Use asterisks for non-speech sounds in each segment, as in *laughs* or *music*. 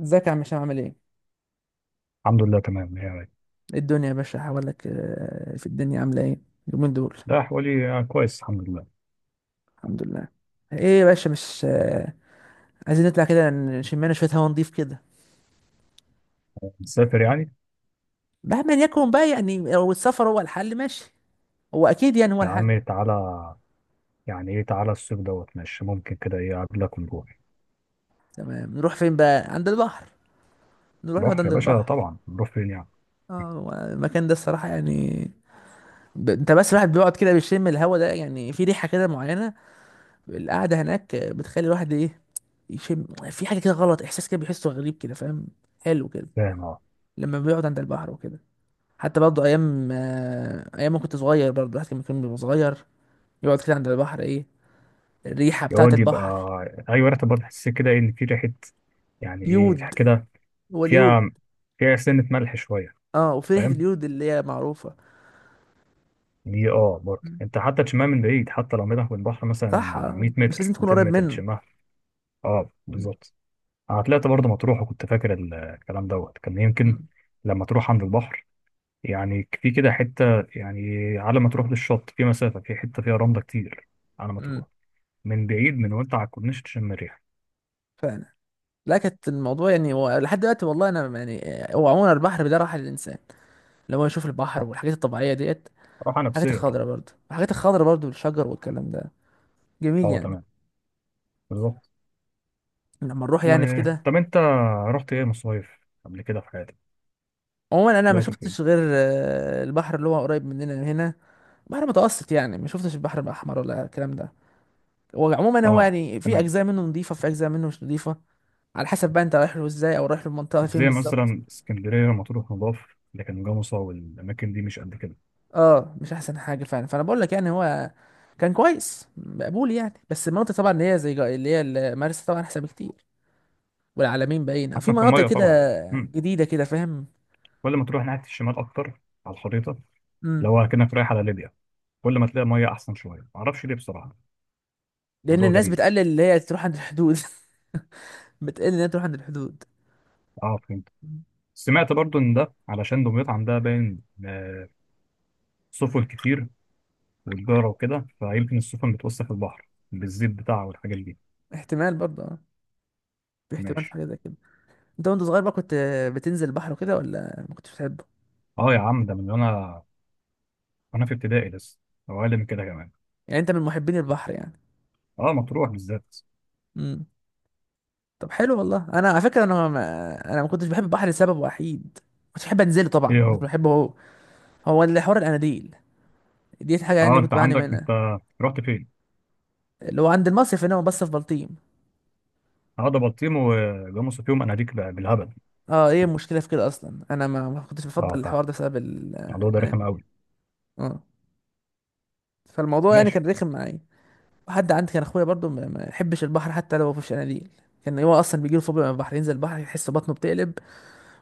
ازيك يا عم هشام، عامل ايه؟ الحمد لله تمام يعني. إيه الدنيا يا باشا حوالك، في الدنيا عاملة ايه؟ اليومين دول. ده حوالي كويس الحمد لله. الحمد لله. ايه يا باشا، مش عايزين نطلع كده، نشمنا شوية هوا نضيف كده. مسافر يعني. مهما يكون بقى يعني، لو السفر هو الحل ماشي. هو اكيد يعني، هو يا الحل. عمي تعالى. يعني ايه تعالى الصيف دوت، ماشي ممكن كده ايه اقابلك ونروح. تمام، نروح فين بقى؟ عند البحر. نروح نقعد بحر يا عند باشا البحر. طبعا، نروح فين يعني. اه، هو المكان ده الصراحة يعني. انت بس الواحد بيقعد كده بيشم الهوا ده، يعني في ريحة كده معينة. القعدة هناك بتخلي الواحد ايه، يشم. في حاجة كده غلط، احساس كده بيحسه غريب كده، فاهم؟ حلو كده. فاهم اه. لما بيقعد عند البحر وكده. حتى برضه ايام، ايام ما كنت صغير برضه، الواحد كان بيبقى صغير، يقعد كده عند البحر ايه، الريحه بتاعه يقعد يبقى. البحر. ايوه ريحه برضه، تحس كده ايه ان في ريحه. يعني ايه ريحة يود. كده. هو اليود. فيها، فيها سنه ملح شويه. اه، أنت وفي ريحه فاهم اليود اللي هي معروفه. دي، اه برضه مم. انت حتى تشمها من بعيد، حتى لو ميلك من البحر مثلا صح، 100 مش لازم متر تكون 200 قريب متر منه. تشمها. اه مم. بالظبط. انا طلعت برضه مطروح، وكنت فاكر الكلام دوت كان يمكن مم. لما تروح عند البحر. يعني في كده حته، يعني على ما تروح للشط في مسافه، في حته فيها رمله كتير على ما مم. تروح. من بعيد، من وانت على الكورنيش تشم الريح. فعلا. لا كانت الموضوع يعني هو لحد دلوقتي، والله انا يعني، هو عموما البحر ده راحه للانسان، لما هو يشوف البحر صح. والحاجات الطبيعيه ديت. راحه الحاجات نفسيه الخضراء طبعا. برضه، الحاجات الخضراء برضه، والشجر والكلام ده، جميل اه يعني. تمام بالظبط. لما نروح يعني في و... كده. طب انت رحت ايه مصايف قبل كده في حياتك؟ عموما انا ما طلعت فين؟ شفتش غير، البحر اللي هو قريب مننا هنا. بحر متوسط يعني، ما شفتش البحر الاحمر ولا الكلام ده. هو عموما هو اه يعني، في تمام. اجزاء منه نظيفه، في اجزاء منه مش نظيفه، على حسب بقى انت رايح له ازاي، او رايح للمنطقه فين زي بالظبط. مثلا اسكندريه، مطروح، مضاف، لكن جمصة والاماكن دي مش قد كده. اه مش احسن حاجه فعلا، فانا بقول لك يعني هو كان كويس مقبول يعني، بس المناطق طبعا اللي هي زي اللي هي مرسى طبعا، احسن بكتير، والعلمين باين، او في احسن في مناطق الميه كده طبعا. امم. جديده كده، فاهم. ولا ما تروح ناحيه الشمال اكتر على الخريطه، امم. لو كأنك رايح على ليبيا. كل ما تلاقي ميه احسن شويه، معرفش ليه بصراحه. لان موضوع الناس غريب. بتقلل اللي هي تروح عند الحدود *laughs* بتقلل ان هي تروح عند الحدود. اه فهمت. مم. سمعت برضو ان ده علشان دمياط عندها باين آه، سفن كتير وتجاره وكده، فيمكن السفن بتوسخ البحر بالزيت بتاعها والحاجات دي. احتمال برضه اه. في احتمال في ماشي. حاجه زي كده. انت وانت صغير بقى كنت بتنزل البحر وكده، ولا ما كنتش بتحبه؟ اه يا عم ده من وانا، وانا في ابتدائي لسه، او اقل من كده كمان. يعني انت من محبين البحر يعني؟ اه مطروح بالذات. امم. طب حلو، والله انا على فكره انا ما كنتش بحب البحر لسبب وحيد. كنت بحب انزله طبعا، ايه مش هو؟ بحبه هو. هو اللي حوار الاناديل، دي حاجه اه يعني انت كنت بعاني عندك، انت منها. رحت فين؟ اللي هو عند المصيف هنا بس في بلطيم. اه ده بلطيم وجاموسه فيهم اناديك بقى بالهبل. اه، ايه المشكله في كده؟ اصلا انا ما كنتش بفضل اه فاهم، الحوار ده بسبب الموضوع ده رخم قوي. الاناديل. اه، فالموضوع يعني ماشي. كان رخم معايا. حد عندي كان اخويا برضو ما يحبش البحر حتى لو في شناديل. كان هو اصلا بيجيله فوبيا من البحر، ينزل البحر يحس بطنه بتقلب،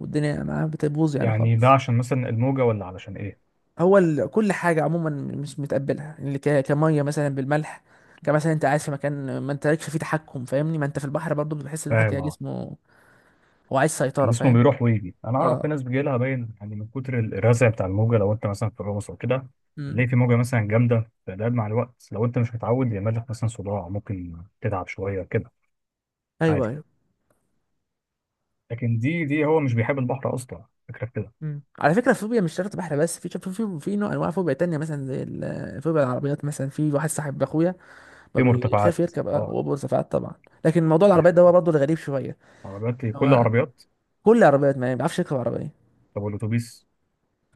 والدنيا معاه بتبوظ يعني يعني ده خالص. عشان مثلا الموجه ولا علشان ايه؟ كل حاجه عموما مش متقبلها اللي كميه مثلا بالملح. كمثلا انت قاعد في مكان ما انت لكش فيه تحكم، فاهمني؟ ما انت في البحر برضو بتحس الواحد كده فاهم اه. جسمه، هو عايز سيطره، جسمه فاهم؟ بيروح ويجي. انا اعرف في اه. ناس بيجي لها باين يعني، من كتر الرزع بتاع الموجه، لو انت مثلا في الرقص او كده امم. تلاقي في موجه مثلا جامده، فده مع الوقت لو انت مش متعود، يعمل لك مثلا صداع، ممكن تتعب شويه كده ايوه، عادي. ايوه. لكن دي هو مش بيحب البحر اصلا فكره في كده. امم، على فكره، الفوبيا مش شرط بحر بس، في نوع انواع فوبيا تانية مثلا، زي فوبيا العربيات مثلا، في واحد صاحب اخويا في فبيخاف مرتفعات يركب، اه. واوبر سفاعات طبعا. لكن موضوع العربيات ده هو بيحب. برضه الغريب شويه. عربيات، كل هو عربيات. كل العربيات ما بيعرفش يركب عربيه. طب والاتوبيس؟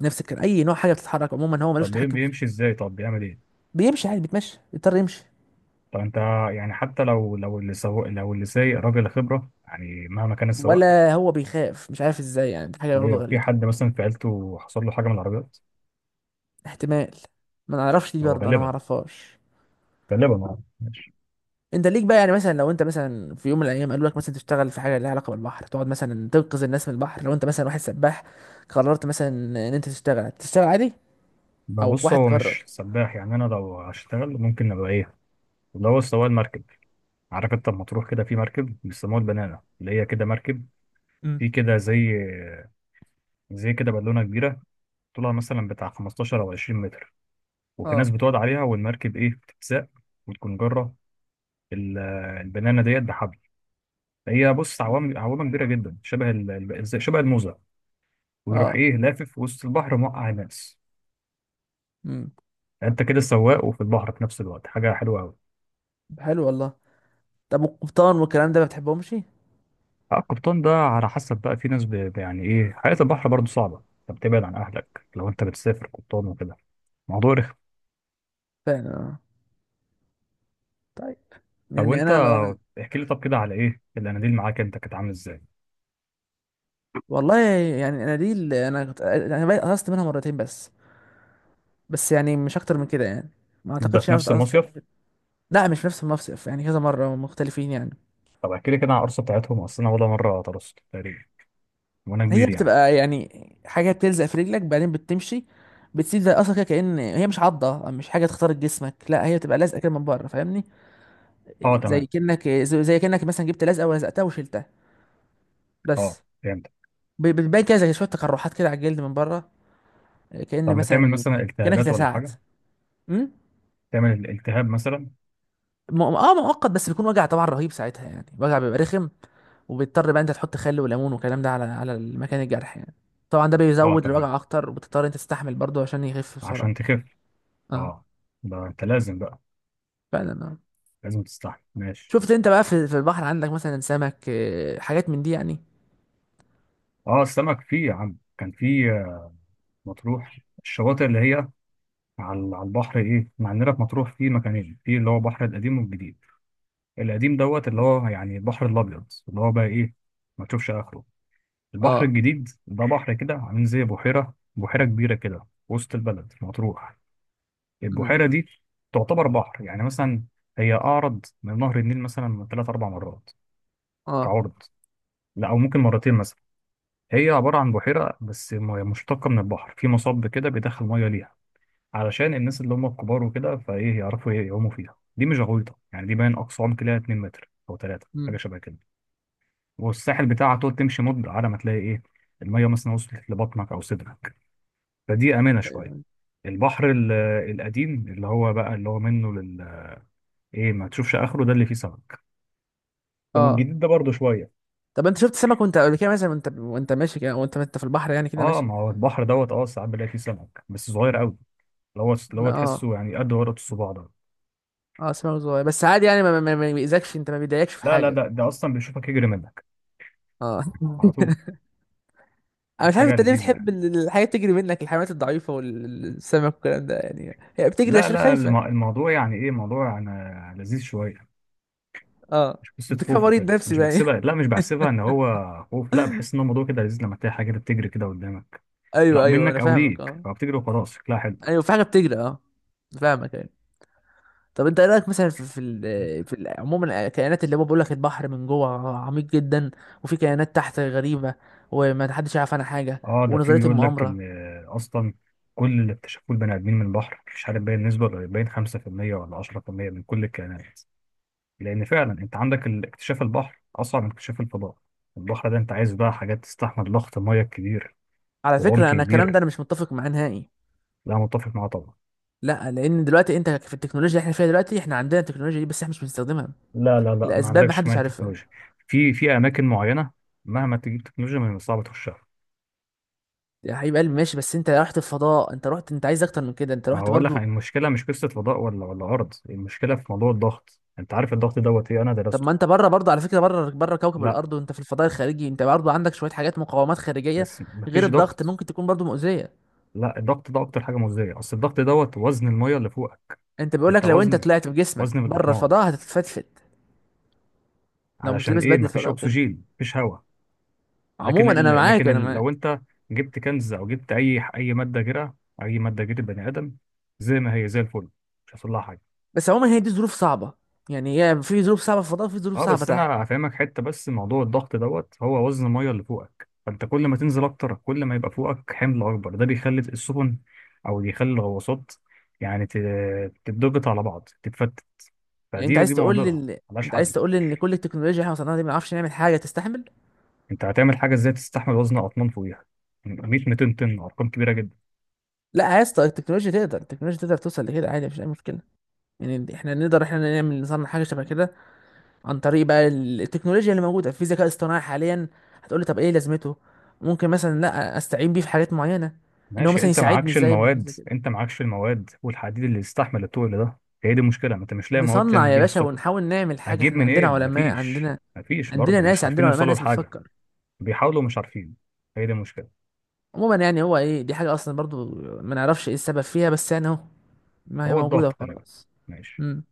نفس الكلام، اي نوع حاجه بتتحرك عموما هو ملوش طب تحكم فيه. بيمشي ازاي؟ طب بيعمل ايه؟ بيمشي عادي، بيتمشى، بيضطر يمشي. طب انت يعني، حتى لو لو اللي سواق، لو اللي سايق راجل خبره، يعني مهما كان السواق. ولا هو بيخاف، مش عارف ازاي يعني، دي حاجه ليه برضه لو في غريبه. حد مثلا في عيلته حصل له حاجه من العربيات؟ احتمال، ما نعرفش، دي هو برضه انا ما غالبا، اعرفهاش. غالبا اه. ماشي. انت ليك بقى يعني، مثلا لو انت مثلا في يوم من الايام قالوا لك مثلا تشتغل في حاجه ليها علاقه بالبحر، تقعد مثلا تنقذ الناس من البحر، لو انت مثلا واحد سباح، قررت مثلا ان انت تشتغل عادي، او ببص واحد هو قرر. مش سباح. يعني انا لو هشتغل ممكن ابقى ايه؟ اللي هو سواق المركب. عارف انت لما تروح كده في مركب بيسموها البنانه، اللي هي كده مركب، مم. في كده زي، زي كده بالونه كبيره، طولها مثلا بتاع 15 او 20 متر، وفي ناس اه. بتقعد عليها والمركب ايه بتتساق، وتكون جره ال- البنانه ديت بحبل. هي بص مم. عوام، عوامه كبيره جدا شبه شبه الموزه. ويروح اه. ايه لافف وسط البحر موقع الناس. امم. يعني انت كده سواق وفي البحر في نفس الوقت، حاجه حلوه قوي. حلو والله. طب القبطان والكلام ده ما بتحبهمش؟ القبطان ده على حسب بقى. في ناس يعني ايه، حياة البحر برضه صعبة. انت بتبعد عن اهلك لو انت بتسافر قبطان وكده. موضوع رخم. فعلا. طيب. طب يعني وانت انا احكي لي، طب كده على ايه الاناديل معاك انت، كانت عامل ازاي؟ والله، يعني انا دي اللي انا كنت انا بقى قصت منها مرتين بس، بس يعني مش اكتر من كده يعني، ما ده اعتقدش في انا كنت نفس قصت المصيف؟ من كده. لا مش نفس المصيف، يعني كذا مره مختلفين يعني. طب احكي لي كده عن القرصة بتاعتهم، اصل انا ولا مرة طرست تقريبا وانا هي كبير يعني. بتبقى يعني حاجه بتلزق في رجلك بعدين بتمشي، بتسيب زي اصلا كده، كأن هي مش عضه، مش حاجه تخترق جسمك لا، هي بتبقى لازقه كده من بره، فاهمني؟ اه زي تمام. كأنك زي زي كأنك مثلا جبت لزقه ولزقتها وشلتها اه بس. فهمت. بتبان كده زي شويه تقرحات كده على الجلد من بره، كأن طب ما تعمل مثلا مثلا كأنك التهابات ولا اتلسعت. حاجة؟ امم. تعمل الالتهاب مثلا. مؤقت بس، بيكون وجع طبعا رهيب ساعتها يعني، وجع بيبقى رخم، وبيضطر بقى انت تحط خل وليمون والكلام ده على مكان الجرح يعني. طبعا ده اه بيزود تمام. الوجع اكتر، وبتضطر انت تستحمل برضه عشان يخف عشان بسرعه. تخف. اه، اه. ده انت لازم بقى، فعلا اه. لازم تستحمل. ماشي. شفت انت بقى في البحر عندك مثلا سمك، حاجات من دي يعني؟ اه السمك فيه يا عم، كان فيه. مطروح الشواطئ اللي هي على على البحر ايه، مع عندنا في مطروح في مكانين، في اللي هو البحر القديم والجديد. القديم دوت اللي هو يعني البحر الابيض، اللي هو بقى ايه، ما تشوفش اخره. البحر اه. الجديد ده بحر كده عامل زي بحيره، بحيره كبيره كده في وسط البلد في مطروح. امم. البحيره دي تعتبر بحر يعني. مثلا هي اعرض من نهر النيل مثلا ثلاث اربع مرات اه. كعرض. لا او ممكن مرتين مثلا. هي عباره عن بحيره بس، مية مشتقه من البحر، في مصب كده بيدخل ميه ليها، علشان الناس اللي هم الكبار وكده فايه يعرفوا يعوموا فيها. دي مش غويطه يعني، دي باين اقصى عمق ليها 2 متر او 3، حاجه امم. شبه كده. والساحل بتاعها تقعد تمشي مده على ما تلاقي ايه، الميه مثلا وصلت لبطنك او صدرك، فدي امنه شويه. البحر القديم اللي هو بقى، اللي هو منه لل ايه، ما تشوفش اخره ده اللي فيه سمك. اه. والجديد ده برضه شويه. طب انت شفت سمك وانت قبل كده مثلا، وانت ماشي كده وانت في البحر يعني كده اه ماشي؟ ما هو البحر دوت، اه ساعات بلاقي فيه سمك بس صغير قوي، اللي هو اللي هو اه. تحسه يعني قد ورقه الصباع ده. اه سمك صغير بس عادي يعني، ما بيأذكش، انت ما بيضايقكش في لا لا حاجه. ده، اصلا بيشوفك يجري منك اه على *laughs* طول. انا كانت مش عارف حاجه انت ليه لذيذه بتحب يعني. الحاجات تجري منك، الحيوانات الضعيفه والسمك والكلام ده، يعني هي بتجري لا عشان لا، خايفه. الموضوع يعني ايه، موضوع انا لذيذ شويه. اه، مش قصه ده كان خوف مريض وكده، نفسي مش بقى *laughs* بحسبها، لا مش بحسبها ان هو خوف، لا بحس ان الموضوع كده لذيذ لما تلاقي حاجه كده بتجري كده قدامك، ايوه، لا ايوه انا منك او فاهمك ليك، اه. فبتجري وخلاص شكلها حلو. ايوه في حاجه بتجري اه. فاهمك ايوه. طب انت ايه رايك مثلا في عموما الكائنات اللي هو بيقول لك البحر من جوه عميق جدا، وفي كائنات تحت غريبه، وما حدش يعرف عنها حاجه، اه ده في ونظريه بيقول لك المؤامره. ان اصلا كل اللي اكتشفوه البني ادمين من البحر، مش عارف باين نسبه، ولا باين 5% ولا 10% من كل الكائنات. لان فعلا انت عندك اكتشاف البحر اصعب من اكتشاف الفضاء. البحر ده انت عايز بقى حاجات تستحمل ضغط الميه الكبير على وعمق فكره، انا الكلام ده كبير. انا مش متفق معاه نهائي. لا متفق معاه طبعا. لا، لان دلوقتي انت في التكنولوجيا اللي احنا فيها دلوقتي، احنا عندنا التكنولوجيا دي بس احنا مش بنستخدمها لا لا لا، ما لاسباب عندكش محدش كمان عارفها. تكنولوجيا. في اماكن معينه مهما تجيب تكنولوجيا من صعب تخشها. يا حبيب قلبي ماشي، بس انت رحت الفضاء، انت رحت انت عايز اكتر من كده؟ انت ما هو رحت اقول لك برضو. عن المشكله، مش قصه فضاء ولا ارض، المشكله في موضوع الضغط. انت عارف الضغط دوت ايه؟ انا طب درسته. ما انت بره برضو، على فكره، بره كوكب لا الارض وانت في الفضاء الخارجي، انت برضو عندك شويه حاجات، مقاومات خارجيه بس ما غير فيش الضغط، ضغط. ممكن تكون برضو مؤذيه. لا الضغط ده اكتر حاجه مؤذيه، اصل الضغط دوت وزن الميه اللي فوقك. انت بيقول لك انت لو انت وزن، طلعت بجسمك وزن بره بالاطنان. الفضاء هتتفتفت، لو مش علشان لابس ايه؟ بدله ما فيش فضاء وكده. اكسجين، ما فيش هواء. لكن عموما انا معاك، انا لو معاك. انت جبت كنز او جبت اي ماده جرة، اي ماده جرة بني ادم زي ما هي زي الفل، مش هيحصل لها حاجه. بس عموما هي دي ظروف صعبه، يعني هي في ظروف صعبه في الفضاء، وفي ظروف اه صعبه بس تحت. انا هفهمك حته، بس موضوع الضغط دوت هو وزن الميه اللي فوقك، فانت كل ما تنزل اكتر كل ما يبقى فوقك حمل اكبر، ده بيخلي السفن او بيخلي الغواصات يعني تتضغط على بعض تتفتت. يعني انت فدي عايز دي تقول لي معضله ملهاش انت عايز حل. تقول لي ان كل التكنولوجيا اللي احنا وصلنا لها دي ما نعرفش نعمل حاجه تستحمل؟ انت هتعمل حاجه ازاي تستحمل وزن اطنان فوقيها، 100 200 طن، ارقام كبيره جدا. لا يا اسطى، التكنولوجيا تقدر، توصل لكده عادي مفيش اي مشكله. يعني احنا نقدر، احنا نعمل نصنع حاجه شبه كده عن طريق بقى التكنولوجيا اللي موجوده في ذكاء اصطناعي حاليا. هتقول لي طب ايه لازمته؟ ممكن مثلا لا استعين بيه في حاجات معينه، ان هو ماشي، مثلا انت يساعدني معكش ازاي من حاجه المواد، زي كده. انت معكش المواد والحديد اللي يستحمل التقل ده. هي دي المشكله، ما انت مش لاقي مواد نصنع تعمل يا بيها باشا، السفن. ونحاول نعمل حاجه، هنجيب احنا عندنا منين؟ علماء، مفيش، عندنا، عندنا برضه ناس، مش عارفين عندنا علماء يوصلوا ناس لحاجه. بتفكر. بيحاولوا مش عارفين، هي دي المشكلة. عموما يعني، هو ايه؟ دي حاجه اصلا برضو ما نعرفش ايه السبب فيها، بس يعني اهو، ما هي هو موجودة الضغط غالبا. وخلاص. ماشي. امم.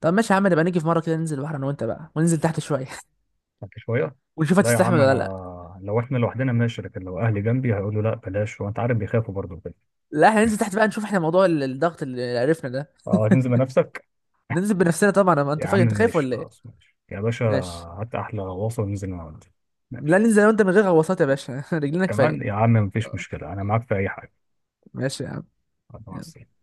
طب ماشي يا عم، نبقى نيجي في مرة كده ننزل البحر انا وانت بقى، وننزل تحت شوية *laughs* بعد شوية. ونشوف لا يا هتستحمل عم، ولا لا. أنا لو إحنا لوحدنا ماشي، لكن لو أهلي جنبي هيقولوا لا بلاش، وأنت عارف بيخافوا برضه كده. لا احنا ننزل *laughs* تحت بقى نشوف احنا موضوع الضغط اللي عرفنا ده. أه هتنزل بنفسك؟ ننزل بنفسنا طبعا، أما انت يا عم فاكر انت خايف ماشي ولا ايه؟ خلاص، ماشي يا باشا. ماشي. هات أحلى غواصة وننزل نقعد. لا، ماشي ننزل انا وانت من غير غواصات يا باشا *laughs* رجلينا كمان يا كفاية. عم، مفيش مشكلة أنا معاك في أي حاجة. ماشي يا عم. مع يلا. السلامة.